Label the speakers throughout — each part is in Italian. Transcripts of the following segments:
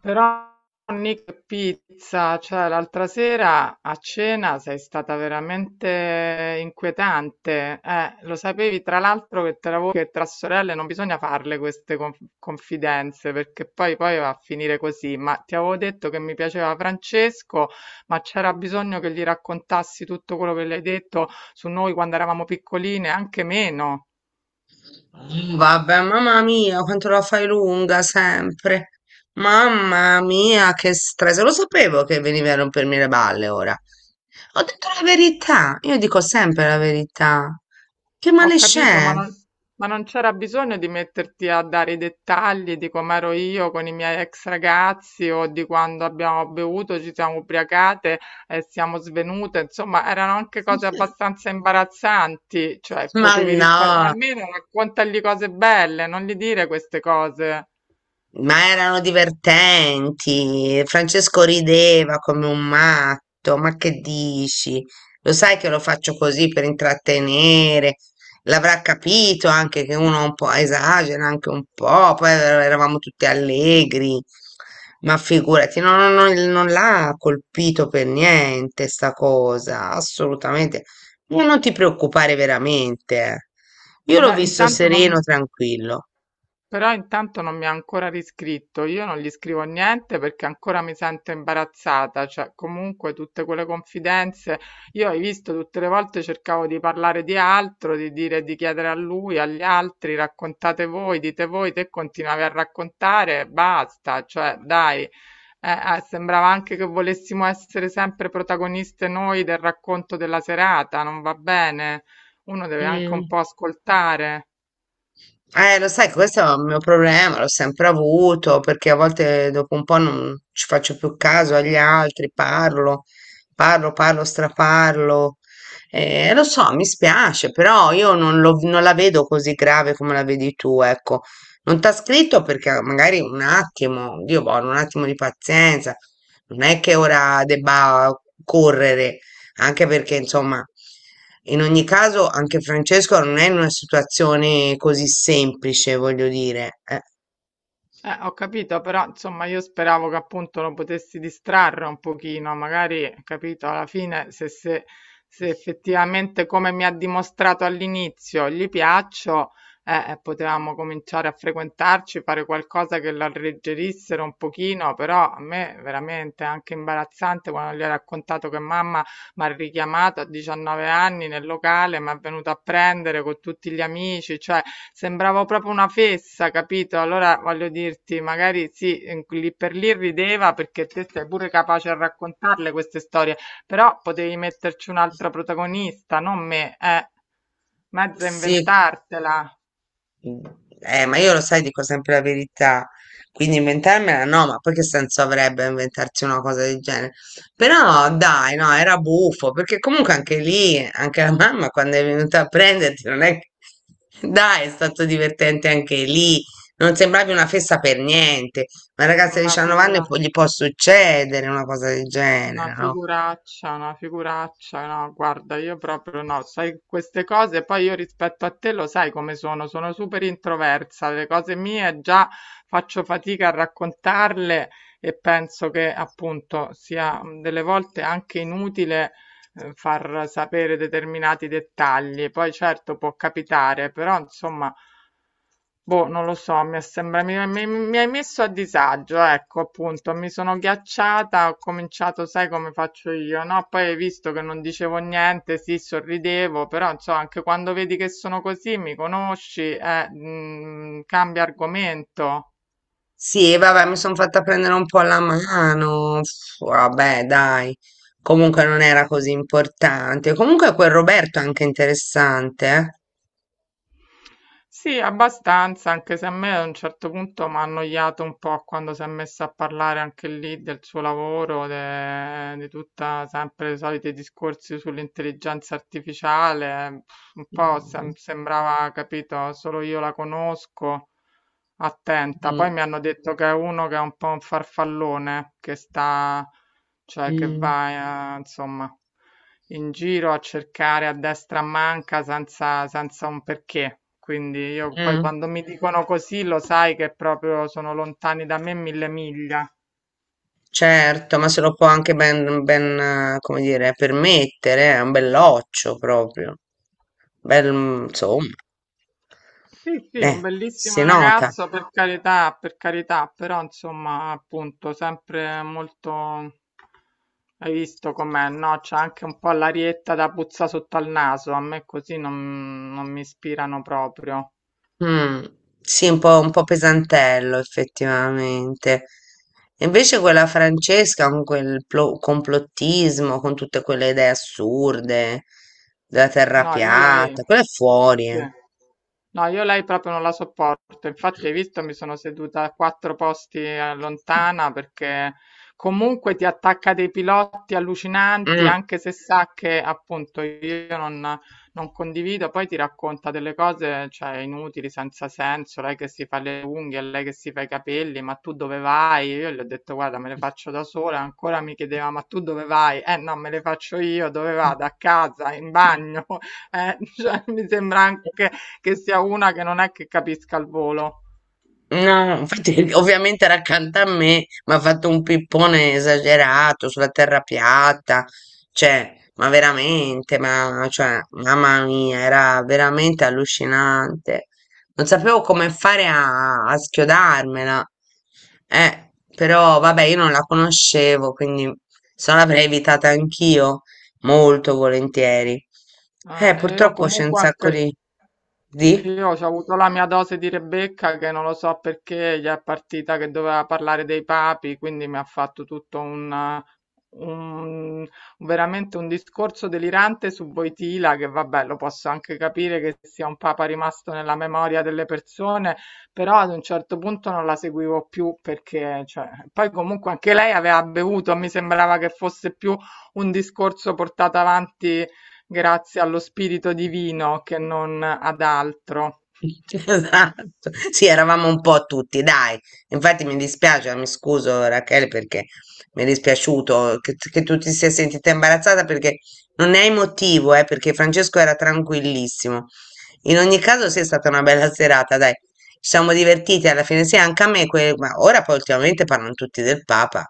Speaker 1: Però Nick Pizza, cioè l'altra sera a cena sei stata veramente inquietante. Lo sapevi tra l'altro che tra, voi, che tra sorelle non bisogna farle queste confidenze perché poi va a finire così. Ma ti avevo detto che mi piaceva Francesco, ma c'era bisogno che gli raccontassi tutto quello che le hai detto su noi quando eravamo piccoline, anche meno.
Speaker 2: Vabbè, mamma mia, quanto la fai lunga sempre. Mamma mia, che stress. Lo sapevo che venivi a rompermi le balle ora. Ho detto la verità. Io dico sempre la verità. Che
Speaker 1: Ho
Speaker 2: male
Speaker 1: capito,
Speaker 2: c'è?
Speaker 1: ma non c'era bisogno di metterti a dare i dettagli di com'ero io con i miei ex ragazzi o di quando abbiamo bevuto, ci siamo ubriacate e siamo svenute. Insomma, erano anche cose abbastanza imbarazzanti, cioè
Speaker 2: Ma
Speaker 1: potevi
Speaker 2: no.
Speaker 1: risparmiare. Almeno raccontagli cose belle, non gli dire queste cose.
Speaker 2: Ma erano divertenti. Francesco rideva come un matto. Ma che dici? Lo sai che lo faccio così per intrattenere. L'avrà capito anche che uno un po' esagera, anche un po'. Poi eravamo tutti allegri. Ma figurati, no, no, no, non l'ha colpito per niente sta cosa, assolutamente. Ma non ti preoccupare veramente. Eh. Io l'ho
Speaker 1: Beh,
Speaker 2: visto
Speaker 1: intanto non,
Speaker 2: sereno, tranquillo.
Speaker 1: Però intanto non mi ha ancora riscritto, io non gli scrivo niente perché ancora mi sento imbarazzata, cioè comunque tutte quelle confidenze, io hai visto tutte le volte cercavo di parlare di altro, di dire, di chiedere a lui, agli altri, raccontate voi, dite voi, te continuavi a raccontare, basta, cioè dai. Sembrava anche che volessimo essere sempre protagoniste noi del racconto della serata, non va bene. Uno deve anche un
Speaker 2: Mm.
Speaker 1: po' ascoltare.
Speaker 2: Lo sai, che questo è un mio problema, l'ho sempre avuto, perché a volte dopo un po' non ci faccio più caso agli altri, parlo, parlo, parlo, straparlo. Lo so, mi spiace, però io non, non la vedo così grave come la vedi tu, ecco. Non t'ha scritto perché magari un attimo, Dio buono, un attimo di pazienza, non è che ora debba correre, anche perché, insomma, in ogni caso, anche Francesco non è in una situazione così semplice, voglio dire.
Speaker 1: Ho capito, però insomma io speravo che appunto lo potessi distrarre un pochino, magari, capito, alla fine se effettivamente come mi ha dimostrato all'inizio gli piaccio, potevamo cominciare a frequentarci, fare qualcosa che lo alleggerissero un pochino, però a me veramente è anche imbarazzante quando gli ho raccontato che mamma m'ha richiamato a 19 anni nel locale, m'ha venuto a prendere co' tutti gli amici, cioè sembravo proprio una fessa, capito? Allora voglio dirti, magari sì, lì per lì rideva perché te sei pure capace a raccontarle queste storie, però potevi metterci un'altra protagonista, non me, mezza
Speaker 2: Sì.
Speaker 1: inventartela,
Speaker 2: Mm. Ma io lo sai, dico sempre la verità, quindi inventarmela no, ma poi che senso avrebbe inventarsi una cosa del genere? Però dai, no, era buffo, perché comunque anche lì, anche la mamma quando è venuta a prenderti, non è che... Dai, è stato divertente anche lì, non sembravi una festa per niente, ma ragazza di
Speaker 1: una
Speaker 2: 19 anni
Speaker 1: figura.
Speaker 2: gli può succedere una cosa del
Speaker 1: Una
Speaker 2: genere, no?
Speaker 1: figuraccia, no, guarda, io proprio no, sai queste cose, poi io rispetto a te lo sai come sono, sono super introversa, le cose mie già faccio fatica a raccontarle e penso che appunto sia delle volte anche inutile far sapere determinati dettagli. Poi certo può capitare, però insomma, boh, non lo so, mi è sembra, mi- mi hai messo a disagio, ecco, appunto, mi sono ghiacciata, ho cominciato, sai come faccio io, no? Poi hai visto che non dicevo niente, sì, sorridevo, però insomma, anche quando vedi che sono così, mi conosci, cambia argomento.
Speaker 2: Sì, e vabbè, mi sono fatta prendere un po' la mano. Pff, vabbè, dai. Comunque non era così importante. Comunque quel Roberto è anche interessante,
Speaker 1: Sì, abbastanza, anche se a me a un certo punto m'ha annoiato un po' quando si è messa a parlare anche lì del suo lavoro, di tutta sempre i soliti discorsi sull'intelligenza artificiale, pff, un po'
Speaker 2: eh.
Speaker 1: sembrava, capito, solo io la conosco, attenta. Poi
Speaker 2: Mm,
Speaker 1: mi hanno detto che è uno che è un po' un farfallone, che sta, cioè che
Speaker 2: mm,
Speaker 1: va, insomma in giro a cercare a destra a manca senza un perché. Quindi io poi
Speaker 2: mm.
Speaker 1: quando mi dicono così lo sai che proprio sono lontani da me 1.000 miglia.
Speaker 2: Certo, ma se lo può anche ben, ben, come dire, permettere, è un belloccio proprio. Bel, insomma,
Speaker 1: Sì, sì, un
Speaker 2: eh, si
Speaker 1: bellissimo
Speaker 2: nota.
Speaker 1: ragazzo, per carità, però insomma, appunto, sempre molto... Hai visto com'è, no? C'è anche un po' l'arietta da puzza sotto al naso, a me così non, non mi ispirano proprio.
Speaker 2: Mm, sì, un po' pesantello effettivamente. E invece quella Francesca con quel complottismo, con tutte quelle idee assurde della terra
Speaker 1: No, io lei...
Speaker 2: piatta, quella è fuori.
Speaker 1: Sì.
Speaker 2: Eh.
Speaker 1: No, io lei proprio non la sopporto. Infatti, hai visto, mi sono seduta a quattro posti lontana perché comunque ti attacca dei pilotti allucinanti,
Speaker 2: Mm.
Speaker 1: anche se sa che appunto io non, non condivido. Poi ti racconta delle cose, cioè, inutili, senza senso. Lei che si fa le unghie, lei che si fa i capelli, ma tu dove vai? Io gli ho detto, guarda, me le faccio da sola. Ancora mi chiedeva, ma tu dove vai? Eh no, me le faccio io, dove vado? A casa, in bagno. Cioè, mi sembra anche che sia una che non è che capisca il volo.
Speaker 2: No, infatti, ovviamente era accanto a me, mi ha fatto un pippone esagerato sulla terra piatta, cioè, ma veramente, ma cioè, mamma mia, era veramente allucinante. Non sapevo come fare a, a schiodarmela. Però vabbè, io non la conoscevo, quindi se no l'avrei evitata anch'io molto volentieri.
Speaker 1: Ma io
Speaker 2: Purtroppo c'è un
Speaker 1: comunque
Speaker 2: sacco
Speaker 1: anche
Speaker 2: di... Di?
Speaker 1: Io ho avuto la mia dose di Rebecca che non lo so perché gli è partita che doveva parlare dei papi, quindi mi ha fatto un- veramente un discorso delirante su Voitila, che vabbè, lo posso anche capire che sia un papa rimasto nella memoria delle persone, però ad un certo punto non la seguivo più perché cioè, poi comunque anche lei aveva bevuto, mi sembrava che fosse più un discorso portato avanti grazie allo spirito divino che non ad altro.
Speaker 2: Esatto, sì, eravamo un po' tutti, dai. Infatti mi dispiace, mi scuso Rachele perché mi è dispiaciuto che tu ti sia sentita imbarazzata perché non ne hai motivo, perché Francesco era tranquillissimo. In ogni caso, sì, è stata una bella serata, dai. Ci siamo divertiti alla fine, sì, anche a me, ma ora poi ultimamente parlano tutti del Papa.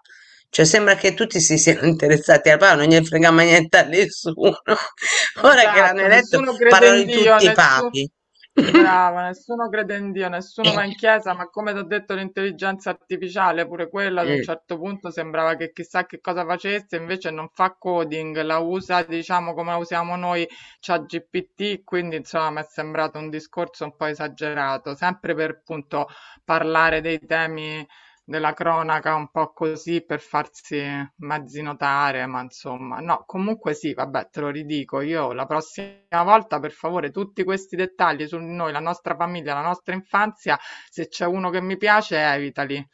Speaker 2: Cioè, sembra che tutti si siano interessati al Papa, non gli frega mai niente a nessuno. Ora che l'hanno
Speaker 1: Esatto,
Speaker 2: eletto,
Speaker 1: nessuno crede
Speaker 2: parlano
Speaker 1: in
Speaker 2: di
Speaker 1: Dio,
Speaker 2: tutti i
Speaker 1: nessuno...
Speaker 2: papi.
Speaker 1: Brava, nessuno crede in Dio, nessuno
Speaker 2: Mm,
Speaker 1: va in chiesa, ma come ti ho detto l'intelligenza artificiale, pure quella ad un certo punto sembrava che chissà che cosa facesse, invece non fa coding, la usa diciamo come la usiamo noi, c'ha GPT, quindi insomma mi è sembrato un discorso un po' esagerato, sempre per appunto parlare dei temi della cronaca un po' così per farsi mezzi notare, ma insomma, no, comunque sì, vabbè, te lo ridico io la prossima volta, per favore, tutti questi dettagli su noi, la nostra famiglia, la nostra infanzia, se c'è uno che mi piace, evitali.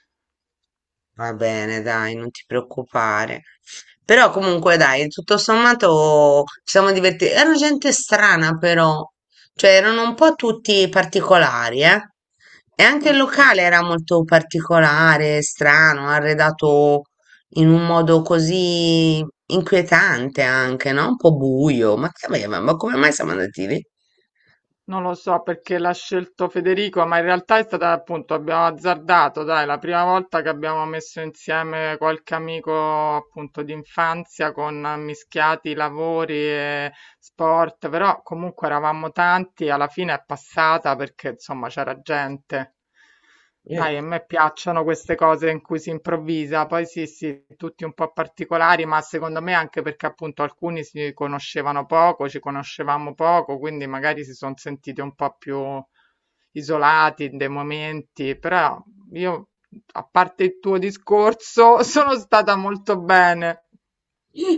Speaker 2: Va bene, dai, non ti preoccupare. Però comunque dai, tutto sommato ci siamo divertiti. Era gente strana però, cioè erano un po' tutti particolari, eh. E anche
Speaker 1: Ah,
Speaker 2: il
Speaker 1: sì.
Speaker 2: locale era molto particolare, strano, arredato in un modo così inquietante anche, no? Un po' buio. Ma che aveva? Ma come mai siamo andati lì?
Speaker 1: Non lo so perché l'ha scelto Federico, ma in realtà è stata appunto, abbiamo azzardato, dai, la prima volta che abbiamo messo insieme qualche amico appunto di infanzia con mischiati lavori e, sport, però comunque eravamo tanti, alla fine è passata perché insomma c'era gente.
Speaker 2: Eh.
Speaker 1: Dai, a me piacciono queste cose in cui si improvvisa, poi sì, sì, tutti un po' particolari, ma secondo me anche perché appunto alcuni si conoscevano poco, ci conoscevamo poco, quindi magari si sono sentiti un po' più isolati in dei momenti, però io, a parte il tuo discorso, sono stata molto bene.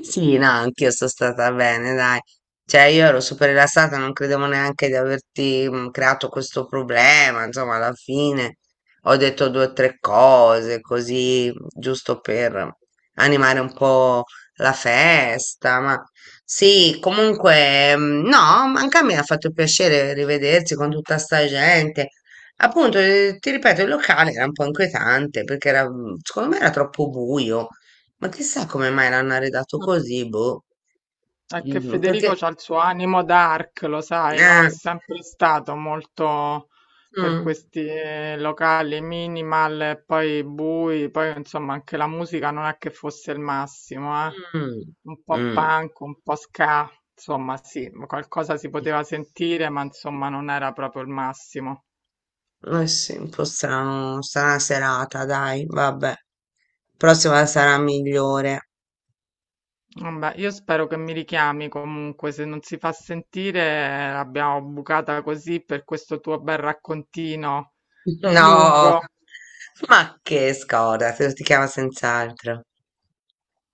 Speaker 2: Sì, no, anch'io sono stata bene, dai. Cioè, io ero super rilassata, non credevo neanche di averti creato questo problema. Insomma, alla fine ho detto due o tre cose, così, giusto per animare un po' la festa. Ma sì, comunque, no, anche a me ha fatto piacere rivedersi con tutta sta gente. Appunto, ti ripeto, il locale era un po' inquietante perché era, secondo me era troppo buio. Ma chissà come mai l'hanno arredato così, boh.
Speaker 1: È che Federico
Speaker 2: Perché...
Speaker 1: c'ha il suo animo dark, lo sai, no? È
Speaker 2: Eh,
Speaker 1: sempre stato molto per
Speaker 2: mm,
Speaker 1: questi locali minimal, e poi bui, poi insomma anche la musica non è che fosse il massimo, eh?
Speaker 2: mm,
Speaker 1: Un po'
Speaker 2: mm.
Speaker 1: punk, un po' ska, insomma sì, qualcosa si poteva sentire, ma insomma non era proprio il massimo.
Speaker 2: Eh sì, un po' strano, strana serata, dai, vabbè. Prossima sarà migliore.
Speaker 1: Vabbè, io spero che mi richiami comunque, se non si fa sentire l'abbiamo bucata così per questo tuo bel raccontino
Speaker 2: No,
Speaker 1: lungo.
Speaker 2: ma che scorda, se lo ti chiama senz'altro.